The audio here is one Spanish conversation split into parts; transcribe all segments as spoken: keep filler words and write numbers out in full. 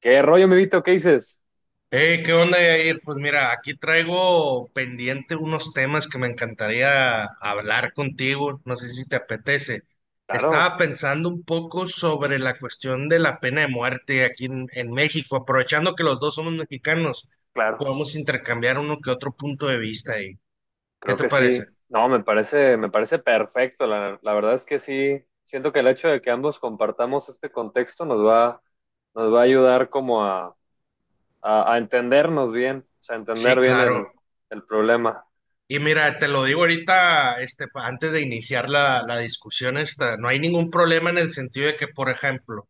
¿Qué rollo, mi Vito? ¿Qué dices? Eh, ¿qué onda, Yair? Pues mira, aquí traigo pendiente unos temas que me encantaría hablar contigo, no sé si te apetece. Estaba Claro, pensando un poco sobre la cuestión de la pena de muerte aquí en, en México, aprovechando que los dos somos mexicanos, claro, podemos intercambiar uno que otro punto de vista ahí. ¿Qué creo te que parece? sí. No, me parece, me parece perfecto. La, la verdad es que sí, siento que el hecho de que ambos compartamos este contexto nos va, nos va a ayudar como a, a, a entendernos bien, o sea, Sí, entender bien claro. el, el problema. Y mira, te lo digo ahorita, este, pa- antes de iniciar la, la discusión esta, no hay ningún problema en el sentido de que, por ejemplo,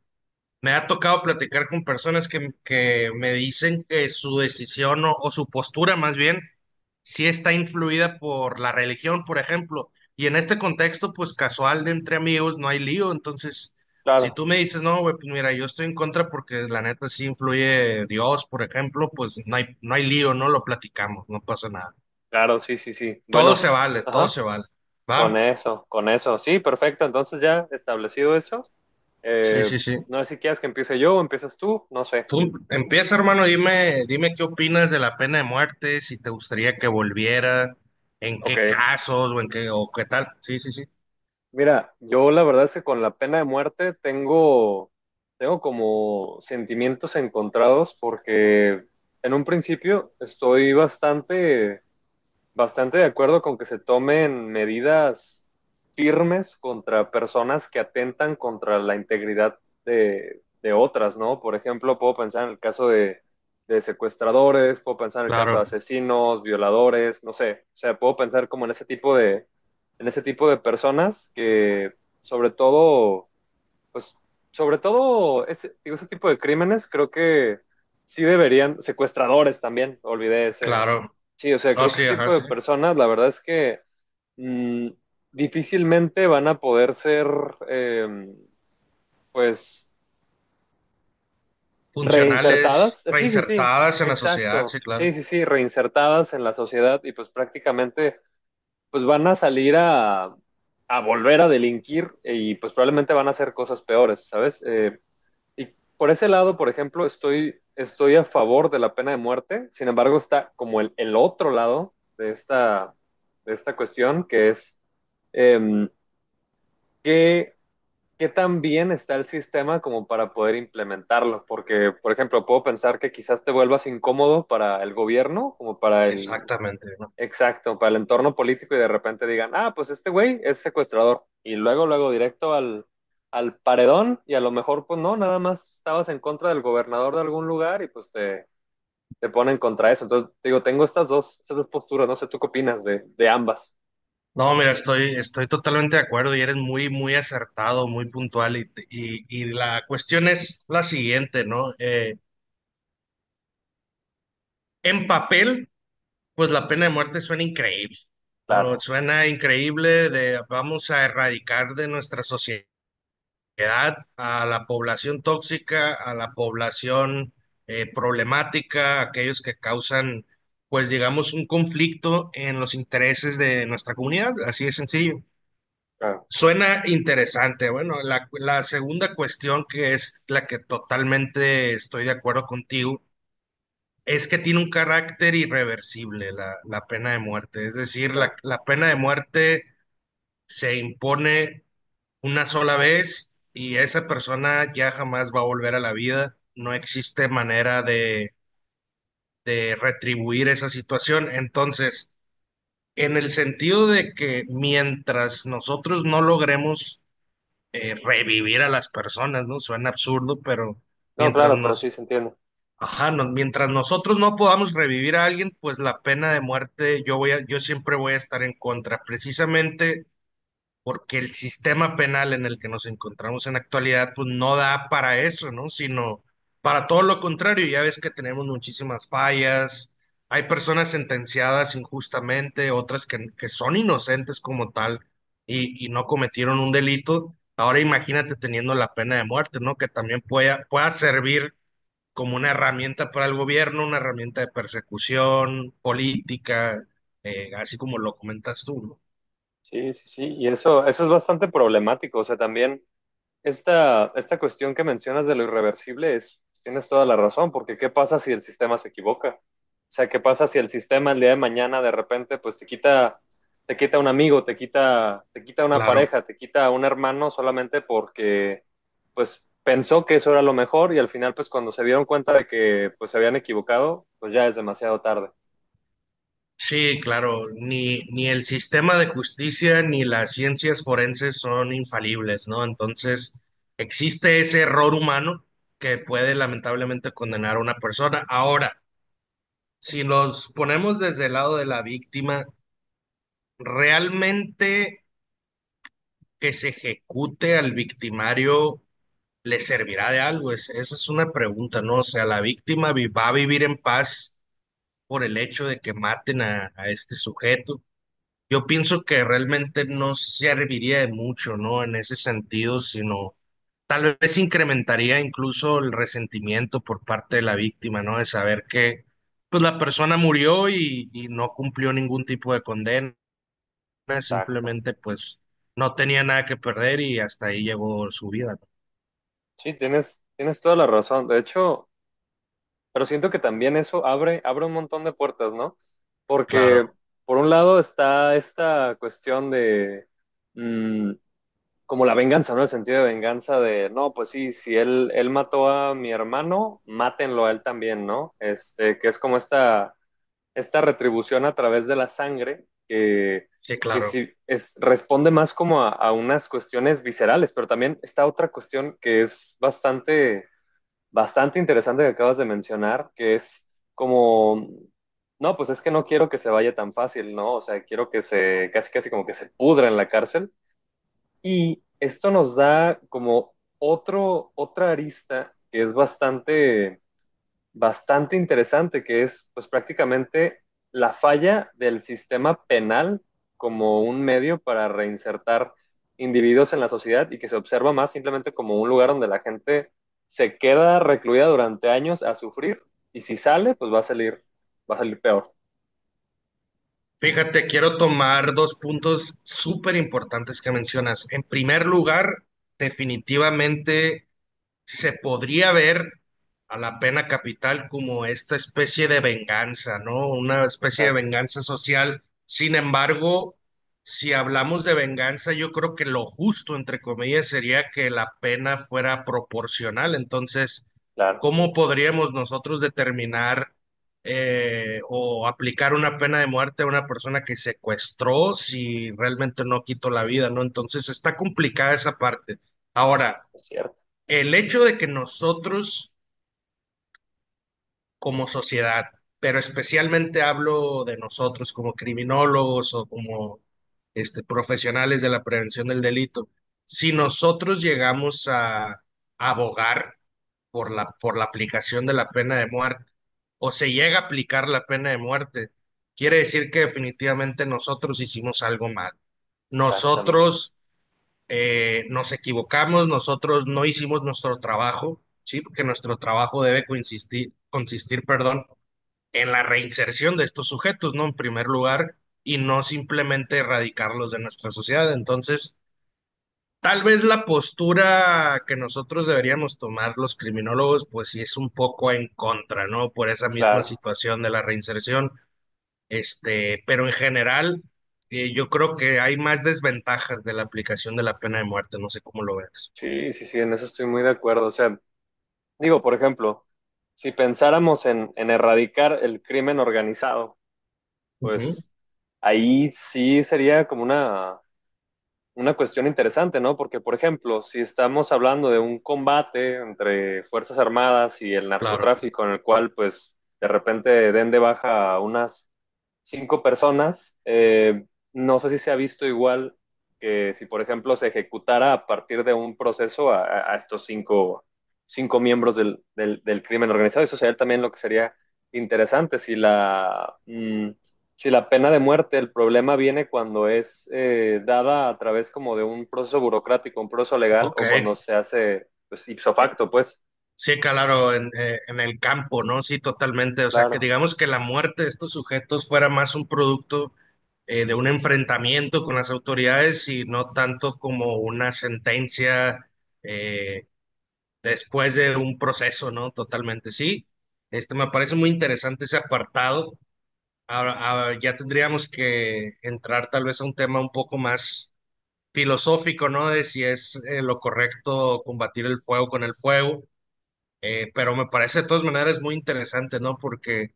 me ha tocado platicar con personas que, que me dicen que su decisión o, o su postura más bien sí está influida por la religión, por ejemplo. Y en este contexto, pues casual de entre amigos, no hay lío. Entonces, si Claro, tú me dices, no, güey, pues mira, yo estoy en contra porque la neta sí influye Dios, por ejemplo, pues no hay, no hay lío, no lo platicamos, no pasa nada. claro, sí, sí, sí. Todo se Bueno, vale, todo ajá, se vale. con ¿Va? eso, con eso. Sí, perfecto. Entonces ya establecido eso. Sí, eh, sí, sí. no sé si quieres que empiece yo o empiezas tú, no sé. Tú empieza, hermano, dime, dime qué opinas de la pena de muerte, si te gustaría que volviera, en Ok, qué casos o en qué o qué tal. Sí, sí, sí. mira, yo la verdad es que con la pena de muerte tengo, tengo como sentimientos encontrados porque en un principio estoy bastante bastante de acuerdo con que se tomen medidas firmes contra personas que atentan contra la integridad de, de otras, ¿no? Por ejemplo, puedo pensar en el caso de, de secuestradores, puedo pensar en el caso de Claro, asesinos, violadores, no sé. O sea, puedo pensar como en ese tipo de, en ese tipo de personas que, sobre todo, pues sobre todo ese, digo, ese tipo de crímenes, creo que sí deberían, secuestradores también, olvidé ese. claro. Sí, o sea, No, creo que sí, ese ajá, tipo de sí. personas, la verdad es que mm, difícilmente van a poder ser, eh, pues, Funcionales, reinsertadas. Eh, Sí, sí, sí, reinsertadas en la sociedad, sí, exacto. claro. Sí, sí, sí, reinsertadas en la sociedad y pues prácticamente, pues van a salir a, a volver a delinquir y pues probablemente van a hacer cosas peores, ¿sabes? Eh, Y por ese lado, por ejemplo, estoy, estoy a favor de la pena de muerte. Sin embargo, está como el, el otro lado de esta, de esta cuestión, que es em, qué, qué tan bien está el sistema como para poder implementarlo. Porque, por ejemplo, puedo pensar que quizás te vuelvas incómodo para el gobierno, como para el, Exactamente, ¿no? exacto, para el entorno político y de repente digan, ah, pues este güey es secuestrador. Y luego, luego directo al, al paredón y a lo mejor, pues no, nada más estabas en contra del gobernador de algún lugar y pues te, te ponen contra eso. Entonces, te digo, tengo estas dos, estas dos posturas, no sé, ¿tú qué opinas de, de ambas? No, mira, estoy, estoy totalmente de acuerdo y eres muy, muy acertado, muy puntual. Y, y, y la cuestión es la siguiente, ¿no? Eh, en papel. Pues la pena de muerte suena increíble, ¿no? Claro, Suena increíble de vamos a erradicar de nuestra sociedad a la población tóxica, a la población eh, problemática, aquellos que causan, pues digamos, un conflicto en los intereses de nuestra comunidad, así de sencillo. claro, Suena interesante. Bueno, la, la segunda cuestión que es la que totalmente estoy de acuerdo contigo es que tiene un carácter irreversible la, la pena de muerte. Es decir, la, claro. la pena de muerte se impone una sola vez y esa persona ya jamás va a volver a la vida. No existe manera de, de retribuir esa situación. Entonces, en el sentido de que mientras nosotros no logremos eh, revivir a las personas, ¿no? Suena absurdo, pero No, mientras claro, pero nos, sí se entiende. ajá, no- mientras nosotros no podamos revivir a alguien, pues la pena de muerte yo voy a, yo siempre voy a estar en contra, precisamente porque el sistema penal en el que nos encontramos en la actualidad, pues no da para eso, ¿no? Sino para todo lo contrario, ya ves que tenemos muchísimas fallas, hay personas sentenciadas injustamente, otras que, que son inocentes como tal y, y no cometieron un delito. Ahora imagínate teniendo la pena de muerte, ¿no? Que también pueda, pueda servir como una herramienta para el gobierno, una herramienta de persecución política, eh, así como lo comentas tú, ¿no? Sí, sí, sí. Y eso, eso es bastante problemático. O sea, también Esta, esta cuestión que mencionas de lo irreversible es, tienes toda la razón, porque ¿qué pasa si el sistema se equivoca? O sea, ¿qué pasa si el sistema el día de mañana de repente pues te quita, te quita un amigo, te quita, te quita una Claro. pareja, te quita un hermano solamente porque pues pensó que eso era lo mejor y al final pues cuando se dieron cuenta de que pues se habían equivocado, pues ya es demasiado tarde. Sí, claro, ni, ni el sistema de justicia ni las ciencias forenses son infalibles, ¿no? Entonces, existe ese error humano que puede lamentablemente condenar a una persona. Ahora, si nos ponemos desde el lado de la víctima, realmente que se ejecute al victimario, ¿le servirá de algo? Es- esa es una pregunta, ¿no? O sea, ¿la víctima vi- va a vivir en paz por el hecho de que maten a, a este sujeto? Yo pienso que realmente no serviría de mucho, ¿no? En ese sentido, sino tal vez incrementaría incluso el resentimiento por parte de la víctima, ¿no? De saber que, pues, la persona murió y, y no cumplió ningún tipo de condena, Exacto. simplemente, pues, no tenía nada que perder y hasta ahí llegó su vida. Sí, tienes, tienes toda la razón. De hecho, pero siento que también eso abre, abre un montón de puertas, ¿no? Porque Claro, por un lado está esta cuestión de mm, como la venganza, ¿no? El sentido de venganza de, no, pues sí, si él, él mató a mi hermano, mátenlo a él también, ¿no? Este, que es como esta, esta retribución a través de la sangre que, sí, que claro. sí es, responde más como a, a unas cuestiones viscerales, pero también está otra cuestión que es bastante bastante interesante que acabas de mencionar, que es como, no, pues es que no quiero que se vaya tan fácil, ¿no? O sea, quiero que se, casi, casi como que se pudra en la cárcel. Y esto nos da como otro, otra arista que es bastante bastante interesante, que es pues prácticamente la falla del sistema penal como un medio para reinsertar individuos en la sociedad y que se observa más simplemente como un lugar donde la gente se queda recluida durante años a sufrir y si sale, pues va a salir, va a salir peor. Fíjate, quiero tomar dos puntos súper importantes que mencionas. En primer lugar, definitivamente se podría ver a la pena capital como esta especie de venganza, ¿no? Una especie de Exacto, venganza social. Sin embargo, si hablamos de venganza, yo creo que lo justo, entre comillas, sería que la pena fuera proporcional. Entonces, claro, ¿cómo podríamos nosotros determinar eh, o aplicar una pena de muerte a una persona que secuestró si realmente no quitó la vida, ¿no? Entonces, está complicada esa parte. Ahora, es cierto, el hecho de que nosotros como sociedad, pero especialmente hablo de nosotros como criminólogos o como este, profesionales de la prevención del delito, si nosotros llegamos a abogar por la, por la aplicación de la pena de muerte o se llega a aplicar la pena de muerte, quiere decir que definitivamente nosotros hicimos algo mal. exactamente, Nosotros eh, nos equivocamos, nosotros no hicimos nuestro trabajo, ¿sí? Porque nuestro trabajo debe consistir, consistir, perdón, en la reinserción de estos sujetos, ¿no? En primer lugar, y no simplemente erradicarlos de nuestra sociedad. Entonces, tal vez la postura que nosotros deberíamos tomar los criminólogos, pues sí es un poco en contra, ¿no? Por esa misma claro. situación de la reinserción, este, pero en general... eh, Yo creo que hay más desventajas de la aplicación de la pena de muerte, no sé cómo lo ves. Sí, sí, sí, en eso estoy muy de acuerdo. O sea, digo, por ejemplo, si pensáramos en, en erradicar el crimen organizado, Ujú, pues ahí sí sería como una, una cuestión interesante, ¿no? Porque, por ejemplo, si estamos hablando de un combate entre Fuerzas Armadas y el claro, narcotráfico, en el cual, pues, de repente den de baja a unas cinco personas. Eh, no sé si se ha visto igual que si, por ejemplo, se ejecutara a partir de un proceso a, a estos cinco, cinco miembros del, del, del crimen organizado. Eso sería también lo que sería interesante. Si la, mm, si la pena de muerte, el problema viene cuando es eh, dada a través como de un proceso burocrático, un proceso legal, ok. o cuando se hace pues, ipso facto, pues. Sí, claro, en, eh, en el campo, ¿no? Sí, totalmente. O sea, que Claro. digamos que la muerte de estos sujetos fuera más un producto eh, de un enfrentamiento con las autoridades y no tanto como una sentencia eh, después de un proceso, ¿no? Totalmente, sí. Este me parece muy interesante ese apartado. Ahora, ahora ya tendríamos que entrar tal vez a un tema un poco más filosófico, ¿no? De si es eh, lo correcto combatir el fuego con el fuego, eh, pero me parece de todas maneras muy interesante, ¿no? Porque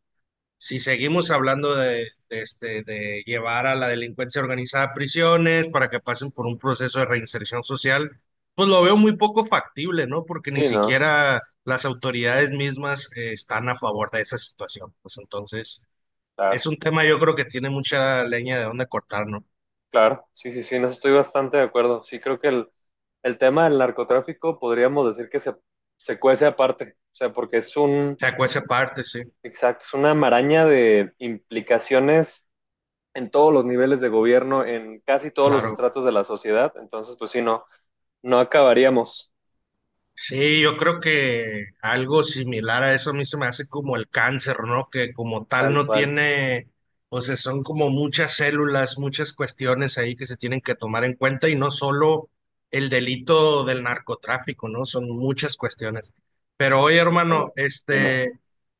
si seguimos hablando de, de este, de llevar a la delincuencia organizada a prisiones para que pasen por un proceso de reinserción social, pues lo veo muy poco factible, ¿no? Porque ni Sí, ¿no? siquiera las autoridades mismas eh, están a favor de esa situación. Pues entonces, es Claro. un tema yo creo que tiene mucha leña de dónde cortar, ¿no? O Claro, sí, sí, sí, en eso estoy bastante de acuerdo. Sí, creo que el, el tema del narcotráfico podríamos decir que se, se cuece aparte, o sea, porque es un, sea, cuece parte, sí, exacto, es una maraña de implicaciones en todos los niveles de gobierno, en casi todos los claro. estratos de la sociedad. Entonces, pues sí, no, no acabaríamos Sí, yo creo que algo similar a eso a mí se me hace como el cáncer, ¿no? Que como tal tal no cual. tiene, o sea, son como muchas células, muchas cuestiones ahí que se tienen que tomar en cuenta y no solo el delito del narcotráfico, ¿no? Son muchas cuestiones. Pero oye, hermano, Exactamente. Dime. este,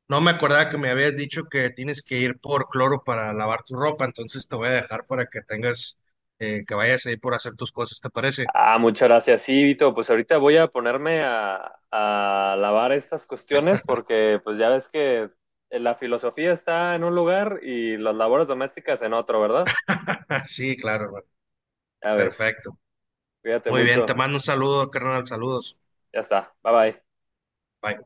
no me acordaba que me habías dicho que tienes que ir por cloro para lavar tu ropa, entonces te voy a dejar para que tengas, eh, que vayas a ir por hacer tus cosas, ¿te parece? Ah, muchas gracias. Sí, Vito, pues ahorita voy a ponerme a, a lavar estas cuestiones porque pues ya ves que eh, la filosofía está en un lugar y las labores domésticas en otro, ¿verdad? Sí, claro, hermano. Ya ves. Perfecto. Cuídate Muy bien, te mucho. mando un saludo, carnal, saludos. Ya está. Bye bye. Bye.